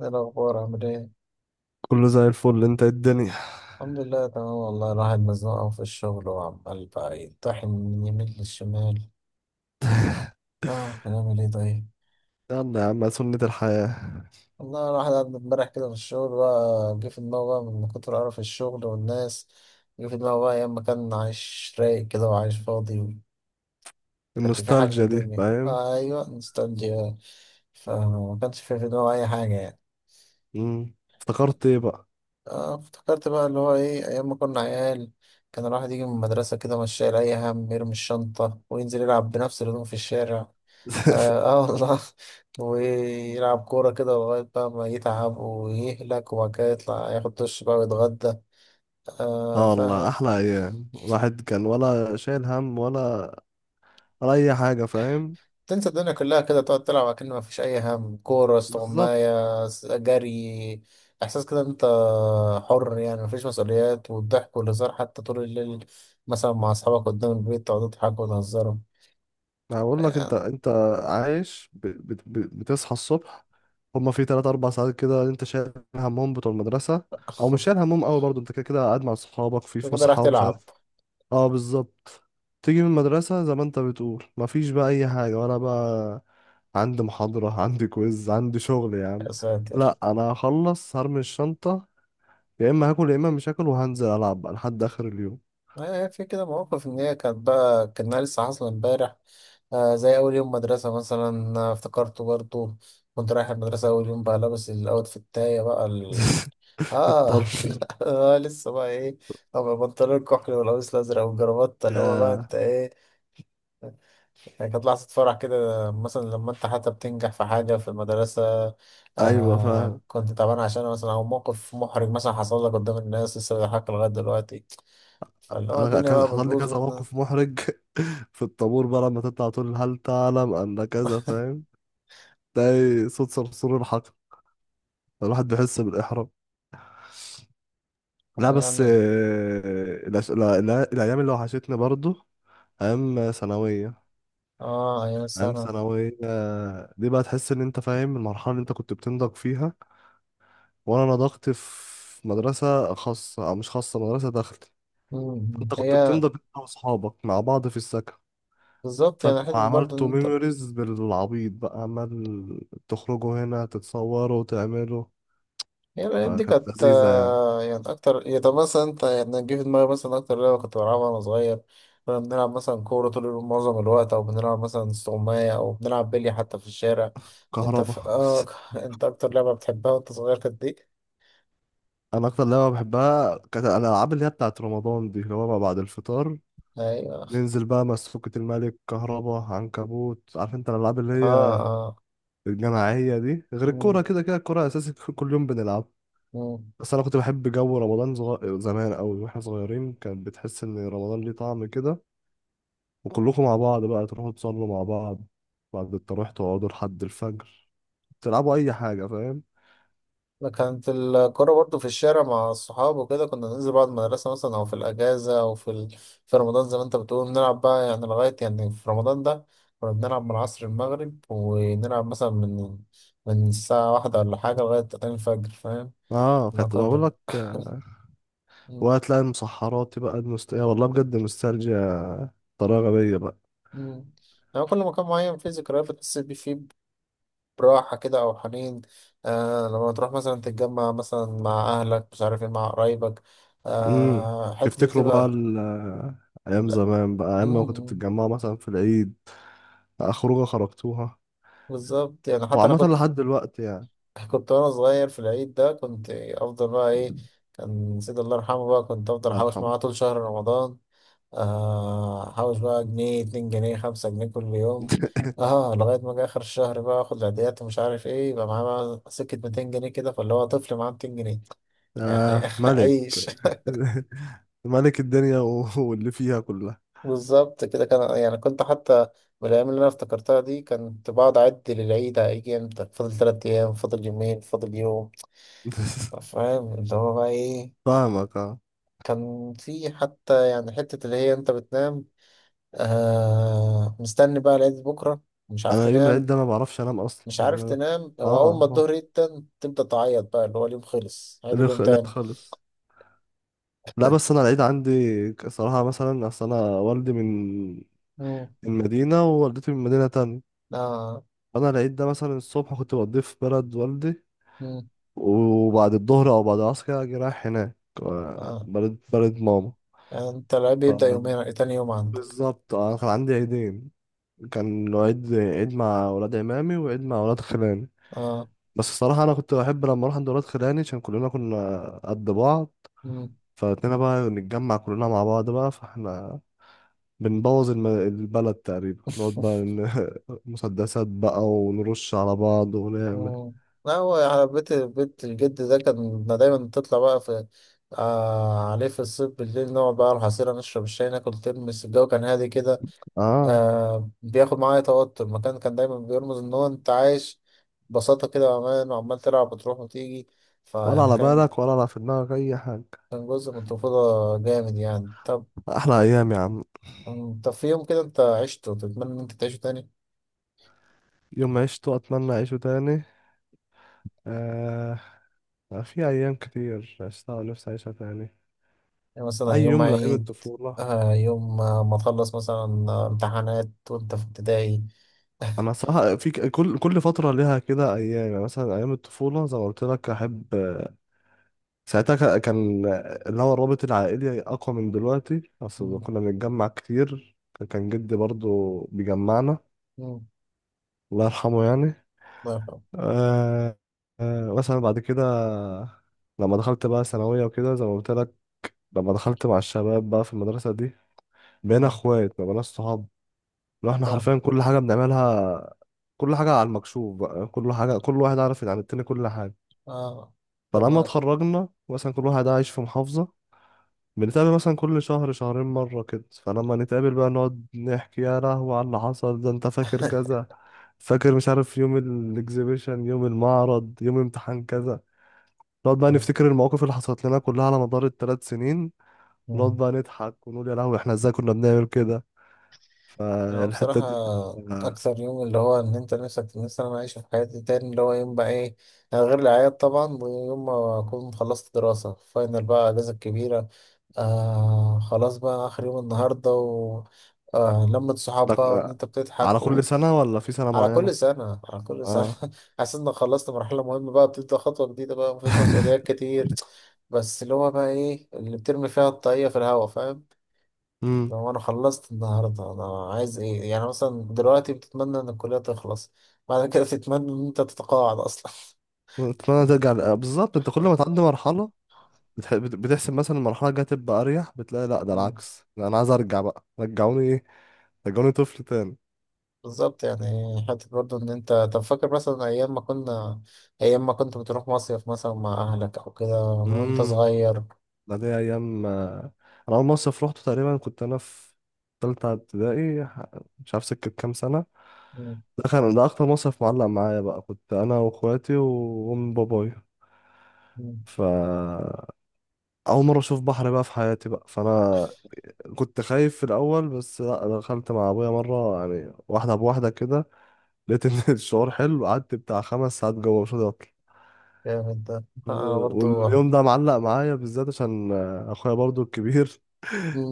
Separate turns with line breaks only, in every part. ايه الأخبار عامل ايه؟
كله زي الفل، انت ايه الدنيا؟
الحمد لله تمام والله الواحد مزنوق أوي في الشغل وعمال بقى يطحن من يمين للشمال. اه هنعمل ايه طيب؟
يلا يا عم، سنة الحياة.
والله الواحد قعد امبارح كده في الشغل بقى جه في دماغه بقى من كتر قرف الشغل والناس. جه في دماغه بقى أيام ما كان عايش رايق كده وعايش فاضي. مكانش فيه حاجة في
النوستالجيا دي،
الدنيا.
فاهم.
آه أيوة نوستالجيا. فما كانش فيه في دماغه أي حاجة يعني.
مم. افتكرت ايه بقى؟
آه افتكرت بقى اللي هو ايه ايام ما كنا عيال. كان الواحد يجي من المدرسة كده مش شايل اي هم، يرمي الشنطة وينزل يلعب بنفس الهدوم في الشارع. اه, آه والله ويلعب كورة كده لغاية بقى ما يتعب ويهلك وبعد كده يطلع ياخد دش بقى ويتغدى. آه
اه والله،
فاهم.
احلى ايام. الواحد كان ولا شايل هم ولا اي حاجة، فاهم.
تنسى الدنيا كلها كده تقعد تلعب كأن ما فيش أي هم، كورة
بالظبط.
استغماية جري. إحساس كده أنت حر يعني، ما فيش مسؤوليات، والضحك والهزار حتى طول الليل مثلا مع أصحابك قدام البيت تقعدوا تضحكوا وتهزروا.
هقول لك انت.
يعني
عايش بتصحى الصبح، هما في تلات أربع ساعات كده. انت شايل همهم بتوع المدرسة، او مش شايل همهم قوي برضه، انت كده كده قاعد مع اصحابك في
أنت كده راح
فسحة ومش
تلعب.
عارف. اه بالظبط. تيجي من المدرسة زي ما انت بتقول، مفيش بقى أي حاجة. وأنا بقى عندي محاضرة عندي كويز، عندي شغل يا عم.
يا ساتر.
لأ أنا هخلص، هرمي الشنطة، يا إما هاكل يا إما مش هاكل، وهنزل ألعب بقى لحد آخر اليوم.
آه، في كده مواقف إن هي كانت بقى كأنها لسه حاصلة إمبارح. آه، زي أول يوم مدرسة مثلا. آه، افتكرته برضه. كنت رايح المدرسة أول يوم بقى لابس الأوت بتاعي بقى. اه
الطرش.
آه، لسه بقى ايه اما بنطلون الكحل والقميص الازرق والجرافطه اللي هو بقى
يا.
انت ايه. يعني كانت لحظه فرح كده، مثلا لما انت حتى بتنجح في حاجه في المدرسه.
أيوة.
آه كنت تعبان عشان مثلا، او موقف محرج مثلا حصل لك قدام الناس لسه بيضحك لغايه دلوقتي. فاللي هو
أنا
الدنيا بقى
حصل لي
بتبوظ
كذا
منها.
موقف محرج. في الطابور بقى لما تطلع تقول هل تعلم أن كذا، فاهم. تلاقي صوت صرصور الحقل، الواحد بيحس بالإحراج. لا
آه،
بس
يعني
آه، لا لا، الأيام اللي وحشتني برضو، أيام ثانوية.
اه ايام
أيام
السنه.
ثانوية دي بقى تحس إن أنت فاهم، المرحلة اللي أنت كنت بتنضج فيها. وأنا نضجت في مدرسة خاصة، أو مش خاصة، مدرسة داخلي.
مم.
فأنت كنت
هي
بتنضج أنت وأصحابك مع بعض في السكن.
بالظبط
فأنت
يعني حته برضه ان
عملتوا
انت.
ميموريز بالعبيط، بقى عمال تخرجوا هنا تتصوروا وتعملوا.
هي الأيام دي
فكانت
كانت
لذيذة يعني.
آه، يعني أكتر يعني. طب مثلا أنت يعني جه في دماغي مثلا أكتر لعبة كنت بلعبها وأنا صغير، كنا بنلعب مثلا كورة طول اليوم معظم الوقت، أو بنلعب مثلا استغماية، أو بنلعب بلي حتى في الشارع. أنت
كهربا.
في آه أنت أكتر لعبة بتحبها وأنت صغير كانت دي؟
انا اكتر لعبه بحبها كانت الالعاب اللي هي بتاعت رمضان دي، اللي هو ما بعد الفطار،
أيوه.
ننزل بقى مسفوكة، الملك، كهربا، عنكبوت، عارف انت الالعاب اللي
آه
هي
آه.
الجماعيه دي، غير الكوره.
مم.
كده كده الكوره اساسي، كل يوم بنلعب.
مم.
بس انا كنت بحب جو رمضان زمان قوي. واحنا صغيرين كان بتحس ان رمضان ليه طعم كده. وكلكم مع بعض بقى تروحوا تصلوا مع بعض. بعد التراويح تقعدوا لحد الفجر، تلعبوا اي حاجه، فاهم.
أنا كانت الكرة برضو في الشارع مع الصحاب وكده، كنا ننزل بعد المدرسة مثلا أو في الأجازة أو في ال... في رمضان زي ما أنت بتقول نلعب بقى يعني لغاية يعني. في رمضان ده كنا بنلعب من عصر المغرب ونلعب مثلا من الساعة واحدة ولا حاجة لغاية تاني الفجر فاهم؟
اه
إن
كنت
كنا
بقول
بن-
لك.
م-
وهتلاقي المسحرات بقى، يا والله بجد نوستالجيا. طريقه غبيه بقى.
م. يعني كل مكان معين فيه ذكريات بتحس بيه، فيه براحة كده أو حنين. آه لما تروح مثلا تتجمع مثلا مع أهلك مش عارف إيه مع قرايبك.
امم.
آه الحتة دي
تفتكروا بقى
بتبقى.
ايام
لا.
زمان بقى، ايام ما كنتوا
مم.
بتتجمعوا مثلا في العيد بقى، خروجه خرجتوها.
بالظبط يعني حتى انا
وعامة
كنت،
لحد دلوقتي يعني.
كنت وانا صغير في العيد ده كنت افضل بقى ايه. كان سيد الله يرحمه بقى كنت افضل
الله
احوش
يرحمه.
معاه طول شهر رمضان. آه، احوش بقى جنيه، 2 جنيه، 5 جنيه كل يوم. اه لغاية ما جه اخر الشهر بقى اخد العيديات ومش عارف ايه يبقى معاه بقى سكة 200 جنيه كده، فاللي هو طفل معاه 200 جنيه يعني
آه ملك.
عيش.
ملك الدنيا واللي فيها كلها.
بالظبط كده كان، يعني كنت حتى من الأيام اللي أنا افتكرتها دي كنت بقعد أعد للعيد، هيجي إمتى، فاضل 3 أيام، فاضل يومين، فاضل يوم. فاهم اللي هو بقى ايه.
فاهمك اه.
كان في حتى يعني حتة اللي هي انت بتنام. آه مستني بقى لغاية بكرة. مش عارف
انا يوم العيد
تنام.
ده ما بعرفش انام اصلا.
مش عارف تنام،
اه
وأول ما
اه.
الظهر يتن تبدأ تعيط بقى اللي هو اليوم خلص عيد، اليوم
لا
تاني.
خالص. لا بس انا العيد عندي، صراحة مثلا اصل انا والدي من
مم.
مدينة ووالدتي من مدينة تانية.
آه.
فانا العيد ده مثلا الصبح كنت بقضيه في بلد والدي،
مم.
وبعد الظهر او بعد العصر كده اجي رايح هناك، آه،
آه.
بلد، بلد ماما.
يعني انت العيب بيبدأ
ف-
يومين، تاني يوم عندك.
بالظبط انا كان عندي عيدين. كان عيد، عيد مع ولاد عمامي، وعيد مع ولاد خلاني.
اه.
بس الصراحة أنا كنت بحب لما أروح عند ولاد خلاني، عشان كلنا كنا قد بعض.
مم.
فاتنين بقى نتجمع كلنا مع بعض بقى. فاحنا بنبوظ البلد تقريبا، نقعد بقى مسدسات بقى ونرش على بعض ونعمل.
مم. لا هو على بيت بيت الجد ده كان دايما بتطلع بقى آه عليه في الصيف بالليل، نقعد بقى على الحصيرة نشرب الشاي ناكل ترمس، الجو كان هادي كده.
اه،
آه بياخد معايا توتر، المكان كان دايما بيرمز إن هو أنت عايش ببساطة كده، وأمان، وعمال تلعب وتروح وتيجي.
ولا
فيعني
على
كان
بالك ولا على في دماغك أي حاجة.
كان جزء من الطفولة جامد يعني. طب
أحلى أيام يا عم.
في يوم كده أنت عشته تتمنى إن أنت تعيشه تاني؟
يوم ما عشته أتمنى أعيشه تاني. آه. في أيام كتير عشتها ونفسي أعيشها تاني.
يعني مثلا
أي
يوم
يوم من أيام
عيد.
الطفولة.
آه يوم آه، ما تخلص مثلا آه، امتحانات وأنت في ابتدائي. مم.
أنا صراحة في كل فترة ليها كده أيام. يعني مثلا أيام الطفولة زي ما قلت لك، أحب. ساعتها كان اللي هو الرابط العائلي أقوى من دلوقتي. أصل كنا بنتجمع كتير، كان جدي برضو بيجمعنا،
مم.
الله يرحمه يعني.
الله يرحمه.
آه. آه مثلا بعد كده، لما دخلت بقى ثانوية وكده زي ما قلت لك، لما دخلت مع الشباب بقى في المدرسة دي، بقينا
مم.
اخوات، ما بقيناش صحاب. لو احنا
فاهم.
حرفيا كل حاجه بنعملها، كل حاجه على المكشوف بقى، كل حاجه كل واحد عارف عن التاني، كل حاجه.
اه. ده
فلما
ما.
اتخرجنا مثلا، كل واحد عايش في محافظه، بنتقابل مثلا كل شهر شهرين مره كده. فلما نتقابل بقى نقعد نحكي، يا لهوي على اللي حصل ده، انت فاكر كذا، فاكر مش عارف يوم الاكزيبيشن، يوم المعرض، يوم امتحان كذا. نقعد بقى نفتكر المواقف اللي حصلت لنا كلها على مدار الثلاث سنين. ونقعد
مم.
بقى نضحك ونقول يا لهوي، احنا ازاي كنا بنعمل كده.
انا
فالحته
بصراحة
دي.
اكثر يوم اللي هو ان انت نفسك، نفسي انا اعيشه في حياتي تاني اللي هو يوم بقى ايه يعني، غير العياد طبعا ويوم ما اكون خلصت دراسة فاينل بقى اجازة كبيرة. آه خلاص بقى اخر يوم النهاردة و لمة صحاب
ده
بقى وان
آه،
انت بتضحك.
على كل سنة ولا في سنة
على
معينة؟
كل سنة، على كل سنة
اه.
حاسس انك خلصت مرحلة مهمة بقى بتبدأ خطوة جديدة بقى مفيش مسؤوليات كتير، بس اللي هو بقى ايه اللي بترمي فيها الطاقية في الهوا فاهم.
امم.
لو انا خلصت النهاردة انا عايز ايه يعني؟ مثلا دلوقتي بتتمنى ان الكلية تخلص، بعد كده تتمنى ان انت تتقاعد اصلا.
اتمنى ترجع آه، بالظبط، انت كل ما تعدي مرحلة بتحسب مثلا المرحلة الجاية تبقى أريح، بتلاقي لا ده
مم.
العكس. لا أنا عايز أرجع بقى، رجعوني إيه؟ رجعوني طفل تاني.
بالظبط يعني. حتى برضو ان انت طب فاكر مثلا ايام ما كنا، ايام ما كنت بتروح مصيف مثلا مع اهلك او كده وانت
امم.
صغير.
ده دي أيام آه، أنا أول مصيف روحته تقريبا كنت أنا في تالتة ابتدائي، مش عارف سكة كام سنة.
مم.
ده كان ده أكتر مصيف معلق معايا بقى. كنت أنا وأخواتي وأم بابايا.
مم.
ف أول مرة أشوف بحر بقى في حياتي بقى، فأنا كنت خايف في الاول. بس لا دخلت مع ابويا مره، يعني واحده بواحده كده، لقيت ان الشعور حلو. قعدت بتاع خمس ساعات جوه مش راضي اطلع.
جامد ده. انا برضو.
واليوم ده معلق معايا بالذات عشان اخويا برضو الكبير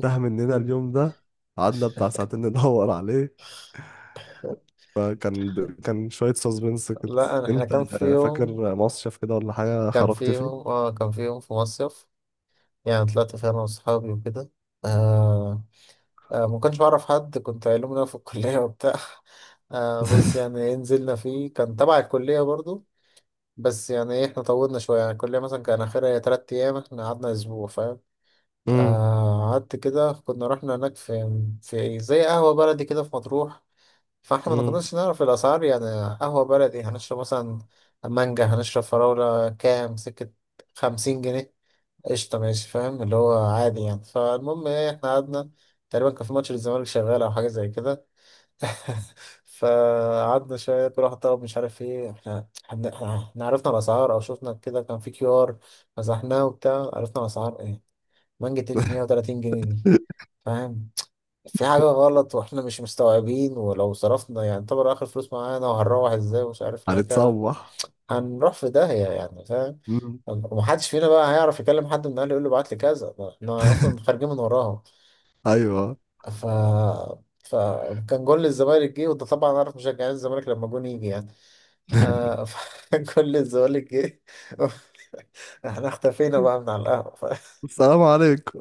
تاه مننا اليوم ده، قعدنا بتاع ساعتين ندور عليه. فكان كان شويه سسبنس كده.
لا أنا- احنا
انت
كان في يوم،
فاكر مصيف كده ولا حاجه خرجت فيه؟
كان في يوم في مصيف يعني طلعت فيه انا واصحابي وكده. آه آه ما كنتش بعرف حد، كنت علوم رياضة في الكلية وبتاع. آه بس يعني إيه، نزلنا فيه كان تبع الكلية برضو. بس يعني ايه احنا طولنا شوية يعني، الكلية مثلا كان آخرها 3 أيام احنا قعدنا أسبوع فاهم.
امم.
آه قعدت كده كنا رحنا هناك في إيه، زي قهوة بلدي كده في مطروح، فاحنا ما
امم.
كناش نعرف الأسعار يعني. قهوة بلدي هنشرب مثلا، مانجا هنشرب فراولة كام سكة، 50 جنيه، قشطة ماشي فاهم اللي هو عادي يعني. فالمهم ايه احنا قعدنا تقريبا كان في ماتش للزمالك شغال أو حاجة زي كده فقعدنا شوية كل واحد طلب مش عارف ايه. احنا عرفنا الأسعار أو شفنا كده كان في كيو آر مسحناه وبتاع عرفنا الأسعار ايه، مانجا تقلب 130 جنيه دي فاهم، في حاجة غلط واحنا مش مستوعبين. ولو صرفنا يعني طبعا اخر فلوس معانا وهنروح ازاي ومش عارف ايه الحكاية،
هنتصوح.
هنروح في داهية يعني فاهم.
امم.
ومحدش فينا بقى هيعرف يكلم حد من اهله يقول له ابعت لي كذا ما احنا اصلا خارجين من وراهم.
ايوه.
ف فكان جول الزمالك جه، وده طبعا عارف مشجعين الزمالك لما جون يجي يعني. آه فجول الزمالك جه احنا اختفينا بقى من على القهوة
السلام عليكم.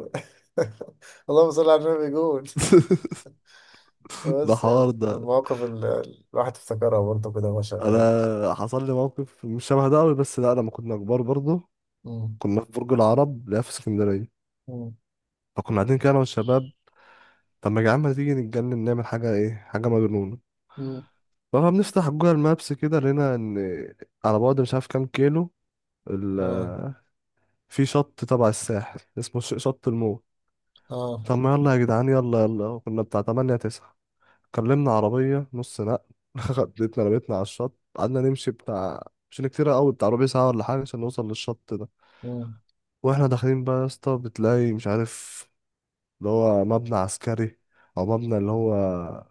اللهم صل على النبي جول.
ده
بس يعني
حوار ده.
المواقف اللي الواحد افتكرها برضه كده وهو شغال.
انا حصل لي موقف مش شبه ده قوي، بس لا لما كنا كبار برضه.
مم.
كنا في برج العرب، لا في اسكندريه.
مم.
فكنا قاعدين كده انا والشباب، طب ما يا جدعان، ما تيجي نتجنن نعمل حاجه، ايه، حاجه مجنونه.
مم.
فبنفتح جوجل مابس كده، لقينا ان على بعد مش عارف كام كيلو ال...
اه
في شط تبع الساحل اسمه شط الموت.
اه.
طب ما يلا يا جدعان، يلا يلا، كنا بتاع 8 9، كلمنا عربيه نص نقل. خدتنا، رميتنا على الشط، قعدنا نمشي بتاع مش كتير قوي، بتاع ربع ساعه ولا حاجه، عشان نوصل للشط ده.
مم.
واحنا داخلين بقى يا اسطى، بتلاقي مش عارف، اللي هو مبنى عسكري، او مبنى اللي هو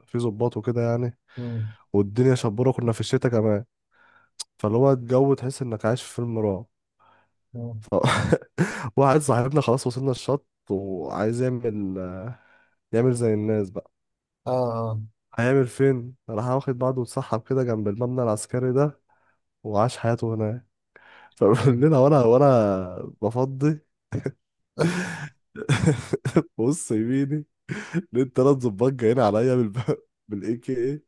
فيه ضباط وكده يعني.
مم.
والدنيا شبورة، كنا في الشتاء كمان. فاللي هو الجو تحس انك عايش في فيلم رعب.
مم.
ف... واحد صاحبنا خلاص وصلنا الشط وعايز يعمل، يعمل زي الناس بقى.
اه اه.
هيعمل فين، راح واخد بعضه واتسحب كده جنب المبنى العسكري ده، وعاش حياته هناك.
مم.
فبالليل، وانا بفضي بص يميني، لقيت تلات ظباط جايين عليا بالاي كي اي،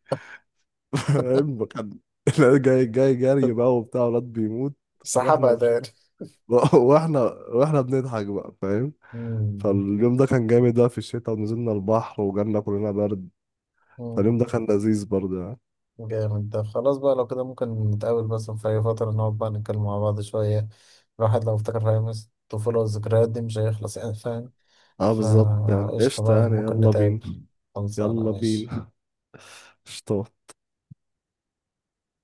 فاهم كان. لا، جاي جاي جري بقى وبتاع، ولاد بيموت. واحنا
سحبها
مش...
تاني.
واحنا واحنا بنضحك بقى فاهم.
مم.
فاليوم ده كان جامد بقى، في الشتاء ونزلنا البحر وجالنا كلنا برد.
مم.
فاليوم ده كان لذيذ برضه يعني.
جامد ده. خلاص بقى لو كده ممكن نتقابل بس في أي فترة نقعد بقى نتكلم مع بعض شوية، الواحد لو افتكر أيام الطفولة والذكريات دي مش هيخلص يعني فاهم.
اه بالظبط يعني،
فقشطة
قشطة
بقى
يعني،
ممكن
يلا بينا.
نتقابل، خلصانة
يلا
ماشي
بينا. قشطة.